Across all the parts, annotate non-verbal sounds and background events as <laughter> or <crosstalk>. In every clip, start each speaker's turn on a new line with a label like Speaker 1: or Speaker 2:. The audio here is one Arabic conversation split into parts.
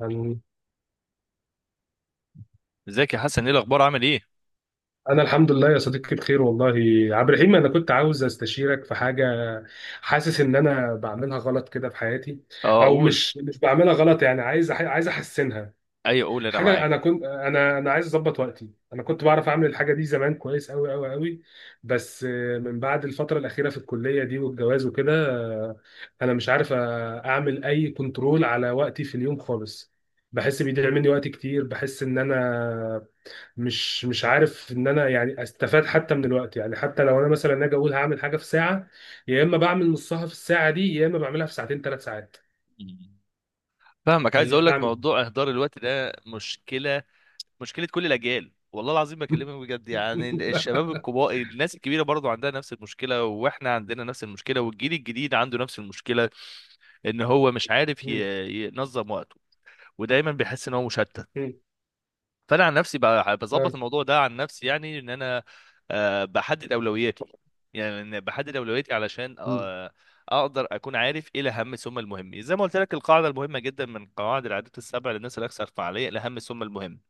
Speaker 1: أنا
Speaker 2: ازيك يا حسن، ايه الاخبار؟ عامل ايه؟
Speaker 1: أنا الحمد لله يا صديقي، بخير والله. عبد الرحيم، أنا كنت عاوز أستشيرك في حاجة. حاسس إن أنا بعملها غلط كده في حياتي،
Speaker 2: اه،
Speaker 1: أو
Speaker 2: قول.
Speaker 1: مش بعملها غلط، يعني عايز عايز أحسنها.
Speaker 2: ايوه، قول، انا
Speaker 1: حاجة،
Speaker 2: معاك.
Speaker 1: أنا عايز أظبط وقتي. أنا كنت بعرف أعمل الحاجة دي زمان كويس أوي أوي أوي. بس من بعد الفترة الأخيرة في الكلية دي والجواز وكده، أنا مش عارف أعمل أي كنترول على وقتي في اليوم خالص. بحس بيضيع مني وقت كتير، بحس إن أنا مش عارف ان انا يعني استفاد حتى من الوقت، يعني حتى لو انا مثلا اجي اقول هعمل حاجه في ساعه، يا اما بعمل نصها في الساعه دي، يا اما بعملها في ساعتين 3 ساعات.
Speaker 2: مم. فاهمك. عايز اقول لك،
Speaker 1: اعمل.
Speaker 2: موضوع اهدار الوقت ده مشكله. مشكله كل الاجيال، والله العظيم بكلمك بجد. يعني
Speaker 1: <laughs>
Speaker 2: الشباب الكبار، الناس الكبيره برضو عندها نفس المشكله، واحنا عندنا نفس المشكله، والجيل الجديد عنده نفس المشكله. ان هو مش عارف
Speaker 1: مم.
Speaker 2: ينظم وقته. ودايما بيحس ان هو مشتت.
Speaker 1: مم.
Speaker 2: فانا عن نفسي بظبط
Speaker 1: آه.
Speaker 2: الموضوع ده عن نفسي، يعني ان انا بحدد اولوياتي. يعني إن بحدد اولوياتي علشان
Speaker 1: مم.
Speaker 2: اقدر اكون عارف ايه الاهم ثم المهم. زي ما قلت لك، القاعده المهمه جدا من قواعد العادات السبع للناس الاكثر فعاليه: الاهم ثم المهم.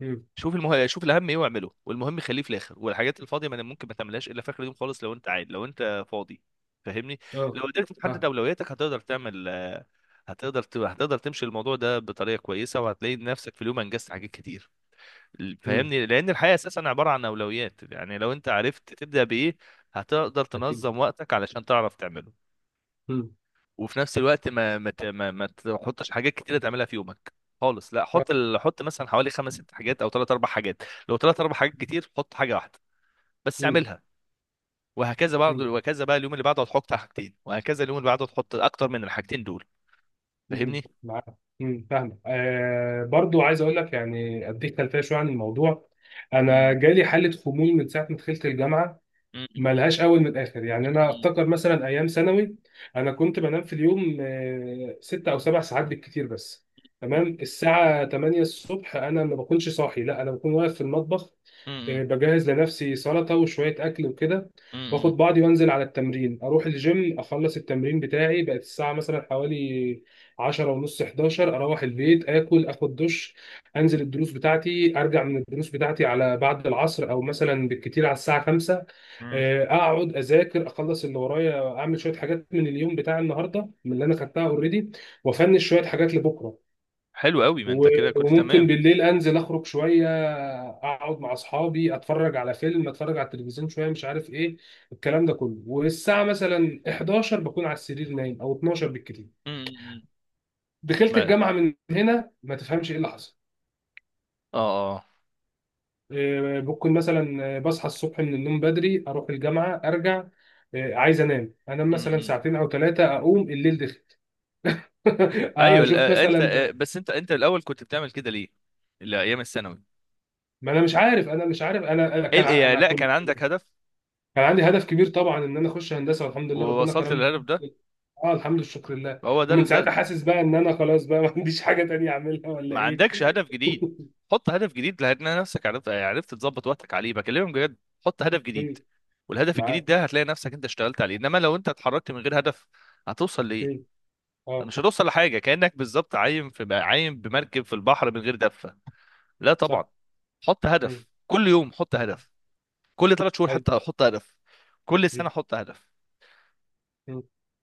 Speaker 1: مم.
Speaker 2: شوف الاهم ايه واعمله، والمهم خليه في الاخر، والحاجات الفاضيه ما ممكن ما تعملهاش الا في اخر اليوم خالص، لو انت عايز، لو انت فاضي. فاهمني؟
Speaker 1: اه.
Speaker 2: لو قدرت تحدد
Speaker 1: فاهم.
Speaker 2: اولوياتك، هتقدر تعمل آه، هتقدر ت- هتقدر تمشي الموضوع ده بطريقه كويسه، وهتلاقي نفسك في اليوم انجزت حاجات كتير.
Speaker 1: مم.
Speaker 2: فاهمني؟ لان الحياه اساسا عباره عن اولويات. يعني لو انت عرفت تبدا بايه، هتقدر
Speaker 1: اكيد.
Speaker 2: تنظم وقتك علشان تعرف تعمله.
Speaker 1: مم.
Speaker 2: وفي نفس الوقت ما ما ت- ما, ما تحطش حاجات كتيره تعملها في يومك خالص. لا،
Speaker 1: آه.
Speaker 2: حط مثلا حوالي خمس ست حاجات او ثلاث اربع حاجات. لو ثلاث اربع حاجات كتير، حط حاجه واحده بس
Speaker 1: مم.
Speaker 2: اعملها.
Speaker 1: مم.
Speaker 2: وهكذا بقى، اليوم اللي بعده هتحط حاجتين، وهكذا اليوم اللي بعده هتحط اكتر من الحاجتين دول.
Speaker 1: مم.
Speaker 2: فاهمني؟
Speaker 1: معاك. مم. فاهم. آه، برضو عايز اقول لك، يعني اديك خلفيه شويه عن الموضوع. انا
Speaker 2: امم.
Speaker 1: جالي حاله خمول من ساعه ما دخلت الجامعه،
Speaker 2: أمم.
Speaker 1: ملهاش اول من الاخر. يعني انا
Speaker 2: أمم.
Speaker 1: افتكر مثلا ايام ثانوي، انا كنت بنام في اليوم 6 أو 7 ساعات بالكتير، بس
Speaker 2: أمم.
Speaker 1: تمام الساعه 8 الصبح، انا ما بكونش صاحي، لا، انا بكون واقف في المطبخ،
Speaker 2: أمم.
Speaker 1: بجهز لنفسي سلطه وشويه اكل وكده،
Speaker 2: أمم.
Speaker 1: واخد بعضي وانزل على التمرين، اروح الجيم، اخلص التمرين بتاعي، بقت الساعه مثلا حوالي 10 ونص، 11 اروح البيت، اكل، اخد دش، انزل الدروس بتاعتي، ارجع من الدروس بتاعتي على بعد العصر، او مثلا بالكتير على الساعه 5.
Speaker 2: أمم.
Speaker 1: آه، اقعد اذاكر، اخلص اللي ورايا، اعمل شويه حاجات من اليوم بتاع النهارده من اللي انا خدتها اوريدي، وافنش شويه حاجات لبكره.
Speaker 2: حلو قوي، ما
Speaker 1: و-
Speaker 2: انت كده كنت.
Speaker 1: وممكن بالليل انزل اخرج شويه، اقعد مع اصحابي، اتفرج على فيلم، اتفرج على التلفزيون شويه، مش عارف ايه الكلام ده كله، والساعه مثلا 11 بكون على السرير نايم، او 12 بالكتير.
Speaker 2: تمام.
Speaker 1: دخلت
Speaker 2: ما.
Speaker 1: الجامعه، من هنا ما تفهمش ايه اللي حصل.
Speaker 2: اه، اه.
Speaker 1: ممكن مثلا بصحى الصبح من النوم بدري، اروح الجامعه، ارجع، عايز انام
Speaker 2: م-
Speaker 1: مثلا
Speaker 2: م.
Speaker 1: ساعتين او 3، اقوم الليل دخل. <laughs>
Speaker 2: ايوه.
Speaker 1: اشوف
Speaker 2: انت،
Speaker 1: مثلا.
Speaker 2: بس انت الاول كنت بتعمل كده ليه؟ لا، ايام الثانوي.
Speaker 1: ما انا مش عارف، انا مش عارف، انا
Speaker 2: ايه ال- إيه، يعني
Speaker 1: انا
Speaker 2: لا، كان
Speaker 1: كنت.
Speaker 2: عندك هدف؟
Speaker 1: كان عندي هدف كبير طبعا ان انا اخش هندسه، والحمد لله ربنا
Speaker 2: ووصلت للهدف
Speaker 1: كرمني.
Speaker 2: ده.
Speaker 1: اه، الحمد لله، شكر لله.
Speaker 2: فهو ده
Speaker 1: ومن ساعتها
Speaker 2: ده
Speaker 1: حاسس بقى ان انا خلاص بقى ما عنديش حاجه تانية اعملها ولا
Speaker 2: ما
Speaker 1: ايه.
Speaker 2: عندكش هدف جديد. حط هدف جديد، لان نفسك عرفت تظبط وقتك عليه، بكلمك بجد. حط هدف جديد.
Speaker 1: <laughs>
Speaker 2: والهدف الجديد
Speaker 1: معاك.
Speaker 2: ده هتلاقي نفسك انت اشتغلت عليه. انما لو انت اتحركت من غير هدف، هتوصل لايه؟
Speaker 1: اه.
Speaker 2: مش هتوصل لحاجه. كانك بالظبط عايم بمركب في البحر من غير دفه. لا طبعا.
Speaker 1: صح.
Speaker 2: حط هدف كل يوم، حط هدف. كل 3 شهور
Speaker 1: ايوه.
Speaker 2: حتى احط هدف. كل سنه احط هدف.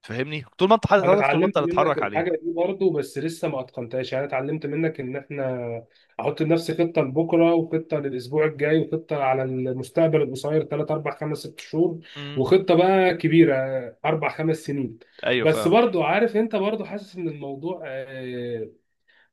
Speaker 2: فاهمني؟ طول ما انت حاطط
Speaker 1: انا
Speaker 2: هدف، طول ما انت
Speaker 1: اتعلمت منك
Speaker 2: هتتحرك
Speaker 1: الحاجه
Speaker 2: عليه.
Speaker 1: دي برضه، بس لسه ما اتقنتهاش. يعني أنا اتعلمت منك ان احنا احط لنفسي خطه لبكره، وخطه للاسبوع الجاي، وخطه على المستقبل القصير 3 4 5 6 شهور،
Speaker 2: امم.
Speaker 1: وخطه بقى كبيره 4 5 سنين.
Speaker 2: ايوه،
Speaker 1: بس
Speaker 2: فاهمه.
Speaker 1: برضه عارف انت، برضه حاسس ان الموضوع،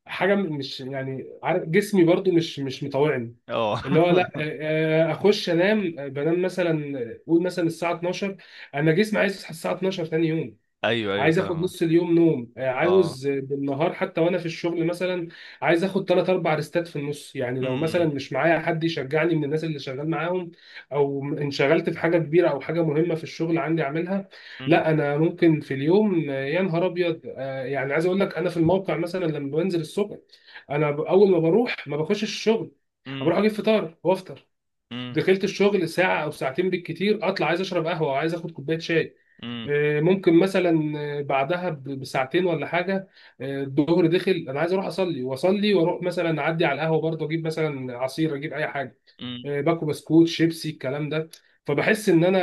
Speaker 1: حاجه مش، يعني عارف، جسمي برضه مش مطاوعني.
Speaker 2: اه.
Speaker 1: اللي هو لا،
Speaker 2: <laughs>
Speaker 1: اخش انام، بنام مثلا، قول مثلا الساعه 12. انا جسمي عايز يصحى الساعه 12 ثاني يوم.
Speaker 2: ايوه، ايوه،
Speaker 1: عايز اخد
Speaker 2: فاهمه.
Speaker 1: نص اليوم نوم،
Speaker 2: اه.
Speaker 1: عاوز بالنهار حتى وانا في الشغل مثلا. عايز اخد 3 أو 4 ريستات في النص، يعني لو مثلا
Speaker 2: امم.
Speaker 1: مش معايا حد يشجعني من الناس اللي شغال معاهم، او انشغلت في حاجه كبيره او حاجه مهمه في الشغل عندي اعملها.
Speaker 2: امم.
Speaker 1: لا، انا ممكن في اليوم يا نهار ابيض، يعني عايز اقول لك انا في الموقع مثلا لما بنزل الصبح، انا اول ما بروح ما بخش الشغل،
Speaker 2: امم.
Speaker 1: بروح اجيب فطار وافطر.
Speaker 2: امم.
Speaker 1: دخلت الشغل ساعة أو ساعتين بالكتير أطلع عايز أشرب قهوة أو عايز آخد كوباية شاي.
Speaker 2: امم.
Speaker 1: ممكن مثلا بعدها بساعتين ولا حاجة. الظهر دخل، أنا عايز أروح أصلي وأصلي وأروح مثلا أعدي على القهوة برضه، أجيب مثلا عصير، أجيب أي حاجة،
Speaker 2: أمم.
Speaker 1: باكو بسكوت شيبسي الكلام ده. فبحس إن أنا،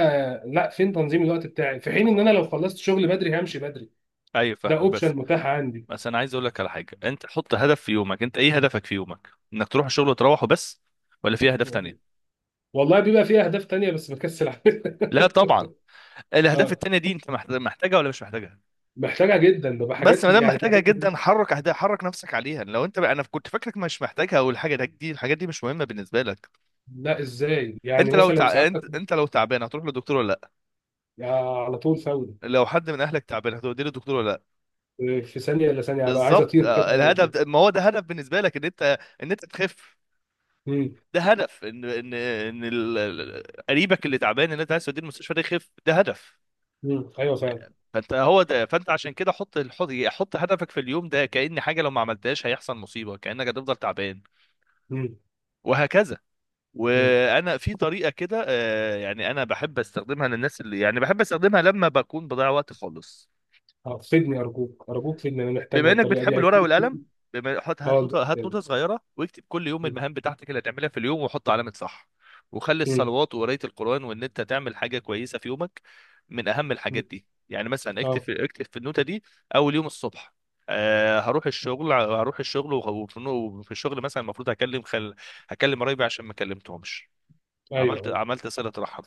Speaker 1: لا، فين تنظيم الوقت بتاعي، في حين إن أنا
Speaker 2: أح-
Speaker 1: لو خلصت شغل بدري همشي بدري.
Speaker 2: ايوه،
Speaker 1: ده
Speaker 2: فاهمك. بس
Speaker 1: أوبشن متاح عندي.
Speaker 2: بس انا عايز اقول لك على حاجه. انت حط هدف في يومك. انت ايه هدفك في يومك، انك تروح الشغل وتروح وبس، ولا في اهداف تانية؟
Speaker 1: والله بيبقى فيه أهداف تانية، بس بكسل أعملها.
Speaker 2: لا طبعا.
Speaker 1: <laughs>
Speaker 2: الاهداف
Speaker 1: آه،
Speaker 2: التانية دي انت محتاجها ولا مش محتاجها؟
Speaker 1: محتاجة جدا، ببقى حاجات
Speaker 2: بس ما دام
Speaker 1: يعني
Speaker 2: محتاجها
Speaker 1: حاجات.
Speaker 2: جدا، حرك نفسك عليها. لو انت بقى، انا كنت فاكرك مش محتاجها، او الحاجه ده دي الحاجات دي مش مهمه بالنسبه لك.
Speaker 1: لا، ازاي، يعني
Speaker 2: انت لو
Speaker 1: مثلا
Speaker 2: تع...
Speaker 1: ساعات
Speaker 2: انت... انت لو تعبان، هتروح للدكتور ولا؟
Speaker 1: يعني على طول فوري.
Speaker 2: لا، لو حد من اهلك تعبان، هتوديه للدكتور ولا لا؟
Speaker 1: في ثانيه الا ثانيه هبقى عايز
Speaker 2: بالظبط.
Speaker 1: اطير كده.
Speaker 2: ما هو ده هدف بالنسبه لك، ان انت تخف،
Speaker 1: امم.
Speaker 2: ده هدف. ان قريبك اللي تعبان، ان انت عايز توديه المستشفى ده يخف، ده هدف.
Speaker 1: امم. ايوه فعلا.
Speaker 2: فانت هو ده فانت عشان كده حط هدفك في اليوم ده كأن حاجه لو ما عملتهاش هيحصل مصيبه، كأنك هتفضل تعبان.
Speaker 1: امم.
Speaker 2: وهكذا.
Speaker 1: امم.
Speaker 2: وانا في طريقه كده، يعني انا بحب استخدمها للناس اللي، يعني، بحب استخدمها لما بكون بضيع وقت خالص.
Speaker 1: فدني، ارجوك، ارجوك، فدني، انا محتاجها
Speaker 2: بما انك
Speaker 1: الطريقه
Speaker 2: بتحب
Speaker 1: دي
Speaker 2: الورقه
Speaker 1: اكيد.
Speaker 2: والقلم،
Speaker 1: <laughs>
Speaker 2: بما حط
Speaker 1: اه،
Speaker 2: هات
Speaker 1: لا،
Speaker 2: نوتة هات
Speaker 1: يعني.
Speaker 2: نوتة صغيره، واكتب كل يوم
Speaker 1: مم.
Speaker 2: المهام بتاعتك اللي هتعملها في اليوم، وحط علامه صح. وخلي
Speaker 1: مم.
Speaker 2: الصلوات وقرايه القران وان انت تعمل حاجه كويسه في يومك من اهم الحاجات
Speaker 1: مم.
Speaker 2: دي. يعني مثلا، اكتب
Speaker 1: اه.
Speaker 2: في اكتب في النوتة دي، اول يوم الصبح: هروح الشغل. وفي الشغل مثلا المفروض هكلم قرايبي عشان ما كلمتهمش،
Speaker 1: ايوه،
Speaker 2: عملت
Speaker 1: ايوه.
Speaker 2: عملت صلة رحم.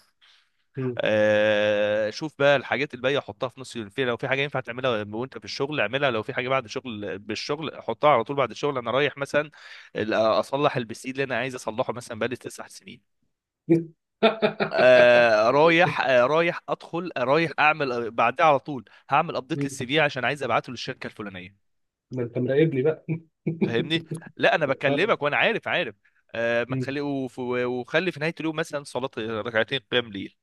Speaker 1: مم.
Speaker 2: شوف بقى الحاجات الباقيه حطها في نص الفيلم. لو في حاجه ينفع تعملها وانت في الشغل، اعملها. لو في حاجه بعد الشغل، حطها على طول بعد الشغل. انا رايح مثلا اصلح البسيل اللي انا عايز اصلحه، مثلا بقالي 9 سنين.
Speaker 1: <laughs>
Speaker 2: آه رايح آه رايح ادخل آه رايح اعمل آه، بعدها على طول هعمل ابديت
Speaker 1: مم.
Speaker 2: للسي في عشان عايز ابعته للشركه الفلانيه.
Speaker 1: ده انت مراقبني بقى.
Speaker 2: فاهمني؟ لا، انا
Speaker 1: <laughs> اه.
Speaker 2: بكلمك وانا عارف. ما
Speaker 1: مم.
Speaker 2: تخلي وف- وخلي في نهايه اليوم مثلا صلاه، ركعتين قيام ليل.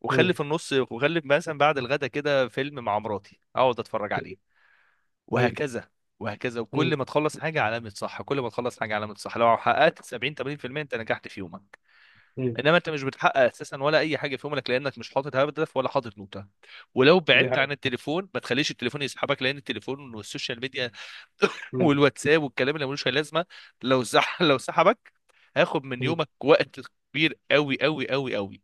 Speaker 2: وخلي
Speaker 1: مم.
Speaker 2: في النص وخلي مثلا بعد الغدا كده فيلم مع مراتي اقعد اتفرج عليه.
Speaker 1: ايوه.
Speaker 2: وهكذا، وهكذا. وكل
Speaker 1: مم.
Speaker 2: ما تخلص حاجه علامه صح، كل ما تخلص حاجه علامه صح. لو حققت 70-80% انت نجحت في يومك.
Speaker 1: مم.
Speaker 2: انما انت مش بتحقق اساسا ولا اي حاجه في يومك، لانك مش حاطط هدف ولا حاطط نوته. ولو
Speaker 1: دي
Speaker 2: بعدت
Speaker 1: حاجه.
Speaker 2: عن التليفون، ما تخليش التليفون يسحبك، لان التليفون والسوشيال ميديا <coughs> <laughs> والواتساب والكلام اللي ملوش أي لازمه، لو سحبك هاخد من
Speaker 1: مم.
Speaker 2: يومك وقت كبير، قوي قوي قوي قوي.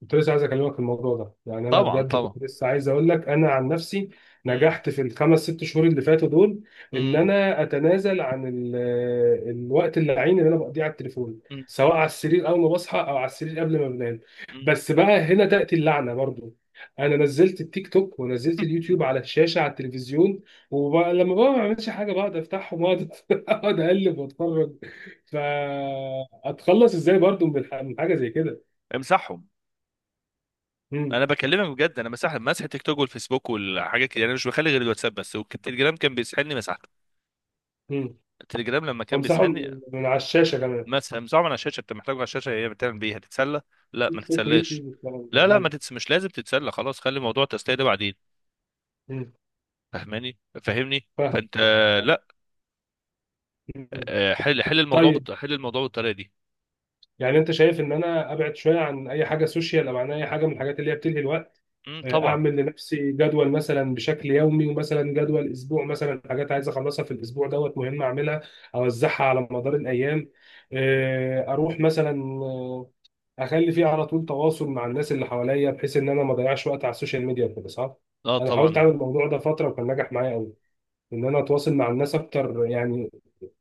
Speaker 1: كنت لسه عايز اكلمك في الموضوع ده، يعني انا
Speaker 2: طبعا،
Speaker 1: بجد
Speaker 2: طبعا.
Speaker 1: كنت لسه عايز اقول لك انا عن نفسي نجحت في الـ 5 ست شهور اللي فاتوا دول، ان انا اتنازل عن الوقت اللعين اللي انا بقضيه على التليفون،
Speaker 2: امم.
Speaker 1: سواء على السرير اول ما بصحى او على السرير قبل ما بنام.
Speaker 2: مم.
Speaker 1: بس بقى هنا تاتي اللعنه برضو. انا نزلت التيك توك ونزلت اليوتيوب على
Speaker 2: <laughs>
Speaker 1: الشاشه، على التلفزيون. ولما بقى ما بعملش حاجه بقعد افتحهم، واقعد <laughs> اقعد اقلب واتفرج. فاتخلص ازاي برضو من حاجه زي كده؟
Speaker 2: امسحهم. انا بكلمك بجد. انا مسح التيك توك والفيسبوك والحاجات كده، يعني انا مش بخلي غير الواتساب بس، والتليجرام كان بيسحلني، مسحته.
Speaker 1: مم.
Speaker 2: التليجرام لما كان
Speaker 1: وامسحه
Speaker 2: بيسحلني،
Speaker 1: من على الشاشة كمان.
Speaker 2: مسحه من على الشاشه. انت محتاجه على الشاشه؟ هي بتعمل بيه، هتتسلى؟ لا، ما
Speaker 1: تيك توك
Speaker 2: تتسلاش.
Speaker 1: ويوتيوب والكلام ده.
Speaker 2: لا، لا،
Speaker 1: مم.
Speaker 2: ما تتس... مش لازم تتسلى خلاص، خلي موضوع التسليه ده بعدين.
Speaker 1: مم.
Speaker 2: فاهماني؟ فاهمني؟
Speaker 1: فاهم،
Speaker 2: فانت
Speaker 1: فاهم.
Speaker 2: لا.
Speaker 1: مم. طيب،
Speaker 2: حل الموضوع بالطريقه دي.
Speaker 1: يعني انت شايف ان انا ابعد شويه عن اي حاجه سوشيال او عن اي حاجه من الحاجات اللي هي بتلهي الوقت،
Speaker 2: امم. طبعا.
Speaker 1: اعمل لنفسي جدول مثلا بشكل يومي، ومثلا جدول اسبوع، مثلا حاجات عايز اخلصها في الاسبوع دوت مهم اعملها، اوزعها على مدار الايام، اروح مثلا، آه، اخلي فيه على طول تواصل مع الناس اللي حواليا، بحيث ان انا ما اضيعش وقت على السوشيال ميديا وكده، صح؟
Speaker 2: اه،
Speaker 1: انا حاولت
Speaker 2: طبعا.
Speaker 1: اعمل الموضوع ده فتره وكان نجح معايا، ان انا اتواصل مع الناس اكتر، يعني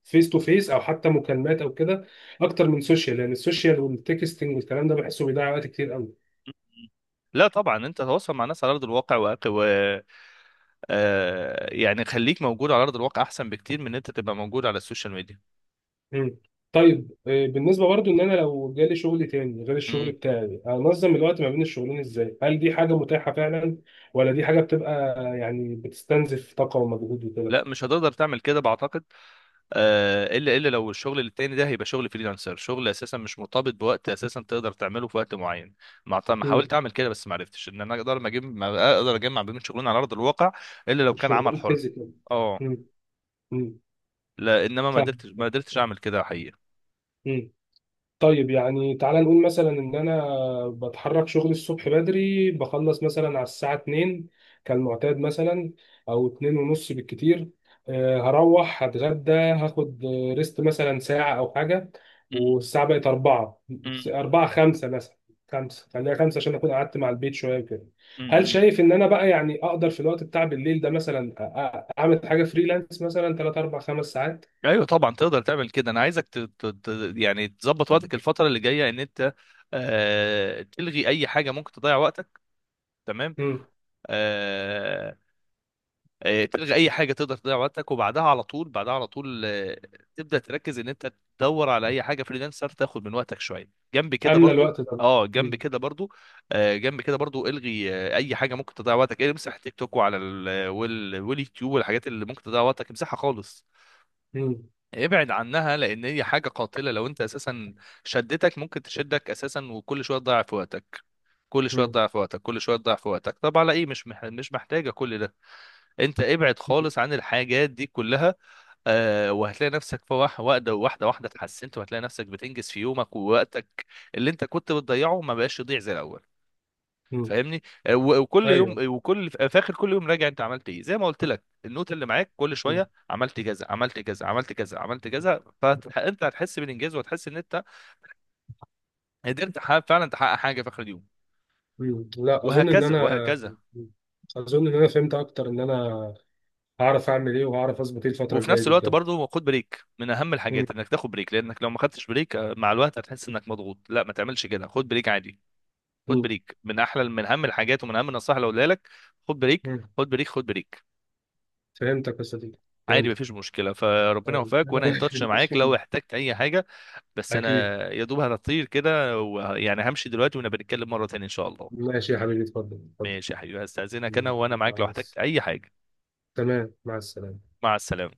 Speaker 1: فيس تو فيس او حتى مكالمات او كده، اكتر من سوشيال، لان السوشيال والتكستنج والكلام ده بحسه بيضيع وقت كتير قوي.
Speaker 2: مم. لا طبعا، انت تتواصل مع ناس على ارض الواقع. يعني خليك موجود على ارض الواقع، احسن بكتير من ان انت تبقى موجود على السوشيال ميديا.
Speaker 1: مم. طيب، بالنسبه برضو ان انا لو جالي شغل تاني غير الشغل
Speaker 2: مم.
Speaker 1: بتاعي، انظم الوقت ما بين الشغلين ازاي؟ هل دي حاجه متاحه فعلا، ولا دي حاجه بتبقى، يعني بتستنزف طاقه ومجهود وكده؟
Speaker 2: لا، مش هتقدر تعمل كده بعتقد. الا لو الشغل التاني ده هيبقى شغل فريلانسر، شغل اساسا مش مرتبط بوقت اساسا، تقدر تعمله في وقت معين. ما
Speaker 1: مم.
Speaker 2: حاولت اعمل كده، بس ما عرفتش ان انا اقدر، ما اقدر اجمع بين شغلين على ارض الواقع. الا لو كان عمل
Speaker 1: الشغلين
Speaker 2: حر.
Speaker 1: فيزيكال.
Speaker 2: اه. لا انما ما
Speaker 1: فاهم.
Speaker 2: قدرتش ما قدرتش اعمل كده حقيقة.
Speaker 1: طيب، يعني تعالى نقول مثلا ان انا بتحرك شغلي الصبح بدري، بخلص مثلا على الساعة 2 كالمعتاد مثلا، او 2 ونص بالكتير. هروح هتغدى، هاخد ريست مثلا ساعة او حاجة،
Speaker 2: مم.
Speaker 1: والساعة بقت 4.
Speaker 2: مم.
Speaker 1: 4 5 مثلا، 5 خليها 5 عشان اكون قعدت مع البيت شوية كده. هل
Speaker 2: مم.
Speaker 1: شايف ان انا بقى يعني اقدر في الوقت بتاع بالليل ده مثلا اعمل حاجة فريلانس مثلا 3 4 5 ساعات؟
Speaker 2: ايوه طبعا، تقدر تعمل كده. انا عايزك يعني تظبط وقتك الفتره اللي جايه، ان انت تلغي اي حاجه ممكن تضيع وقتك. تمام.
Speaker 1: امم.
Speaker 2: آه... تلغي اي حاجه تقدر تضيع وقتك، وبعدها على طول بعدها على طول تبدا تركز ان انت تدور على اي حاجه فريلانسر تاخد من وقتك شويه جنب كده
Speaker 1: املى
Speaker 2: برضو.
Speaker 1: الوقت ده.
Speaker 2: اه، جنب كده برضو. جنب كده برضو. الغي اي حاجه ممكن تضيع وقتك. امسح تيك توك، واليوتيوب والحاجات اللي ممكن تضيع وقتك، امسحها خالص.
Speaker 1: امم.
Speaker 2: ابعد عنها، لان هي حاجه قاتله. لو انت اساسا ممكن تشدك اساسا، وكل شويه تضيع في وقتك، كل شويه تضيع في وقتك، كل شويه تضيع في وقتك. طب على ايه؟ مش محتاجه كل ده. انت ابعد خالص عن الحاجات دي كلها. وهتلاقي نفسك في واحده واحده واحده واحدة اتحسنت، وهتلاقي نفسك بتنجز في يومك، ووقتك اللي انت كنت بتضيعه ما بقاش يضيع زي الاول.
Speaker 1: مم.
Speaker 2: فاهمني؟ وكل يوم،
Speaker 1: ايوه.
Speaker 2: في اخر كل يوم راجع انت عملت ايه. زي ما قلت لك، النوت اللي معاك، كل
Speaker 1: مم.
Speaker 2: شويه عملت كذا، عملت كذا، عملت كذا، عملت كذا. فانت هتحس بالانجاز، وهتحس ان انت قدرت، فعلا تحقق حاجه في اخر اليوم.
Speaker 1: مم. لا،
Speaker 2: وهكذا، وهكذا.
Speaker 1: اظن ان انا فهمت اكتر ان انا هعرف اعمل ايه وهعرف اظبط ايه الفتره
Speaker 2: وفي
Speaker 1: الجايه
Speaker 2: نفس
Speaker 1: دي
Speaker 2: الوقت
Speaker 1: بجد.
Speaker 2: برضه، خد بريك. من اهم
Speaker 1: مم.
Speaker 2: الحاجات انك تاخد بريك، لانك لو ما خدتش بريك مع الوقت هتحس انك مضغوط. لا ما تعملش كده، خد بريك عادي. خد
Speaker 1: مم.
Speaker 2: بريك. من اهم الحاجات ومن اهم النصائح اللي اقولها لك، خد بريك.
Speaker 1: مم.
Speaker 2: خد بريك، خد بريك.
Speaker 1: فهمتك يا صديقي.
Speaker 2: عادي،
Speaker 1: فهمت.
Speaker 2: مفيش مشكله. فربنا يوفقك، وانا ان تاتش معاك
Speaker 1: أنا-
Speaker 2: لو
Speaker 1: <laughs>
Speaker 2: احتجت اي حاجه. بس انا
Speaker 1: اكيد.
Speaker 2: يا دوب هطير كده، يعني همشي دلوقتي، ونبقى نتكلم مره تانية ان شاء الله.
Speaker 1: ماشي يا حبيبي، اتفضل، اتفضل.
Speaker 2: ماشي يا حبيبي، هستاذنك انا،
Speaker 1: مم.
Speaker 2: وانا معاك لو
Speaker 1: مع
Speaker 2: احتجت
Speaker 1: الس-
Speaker 2: اي حاجه.
Speaker 1: تمام، مع السلامه.
Speaker 2: مع السلامه.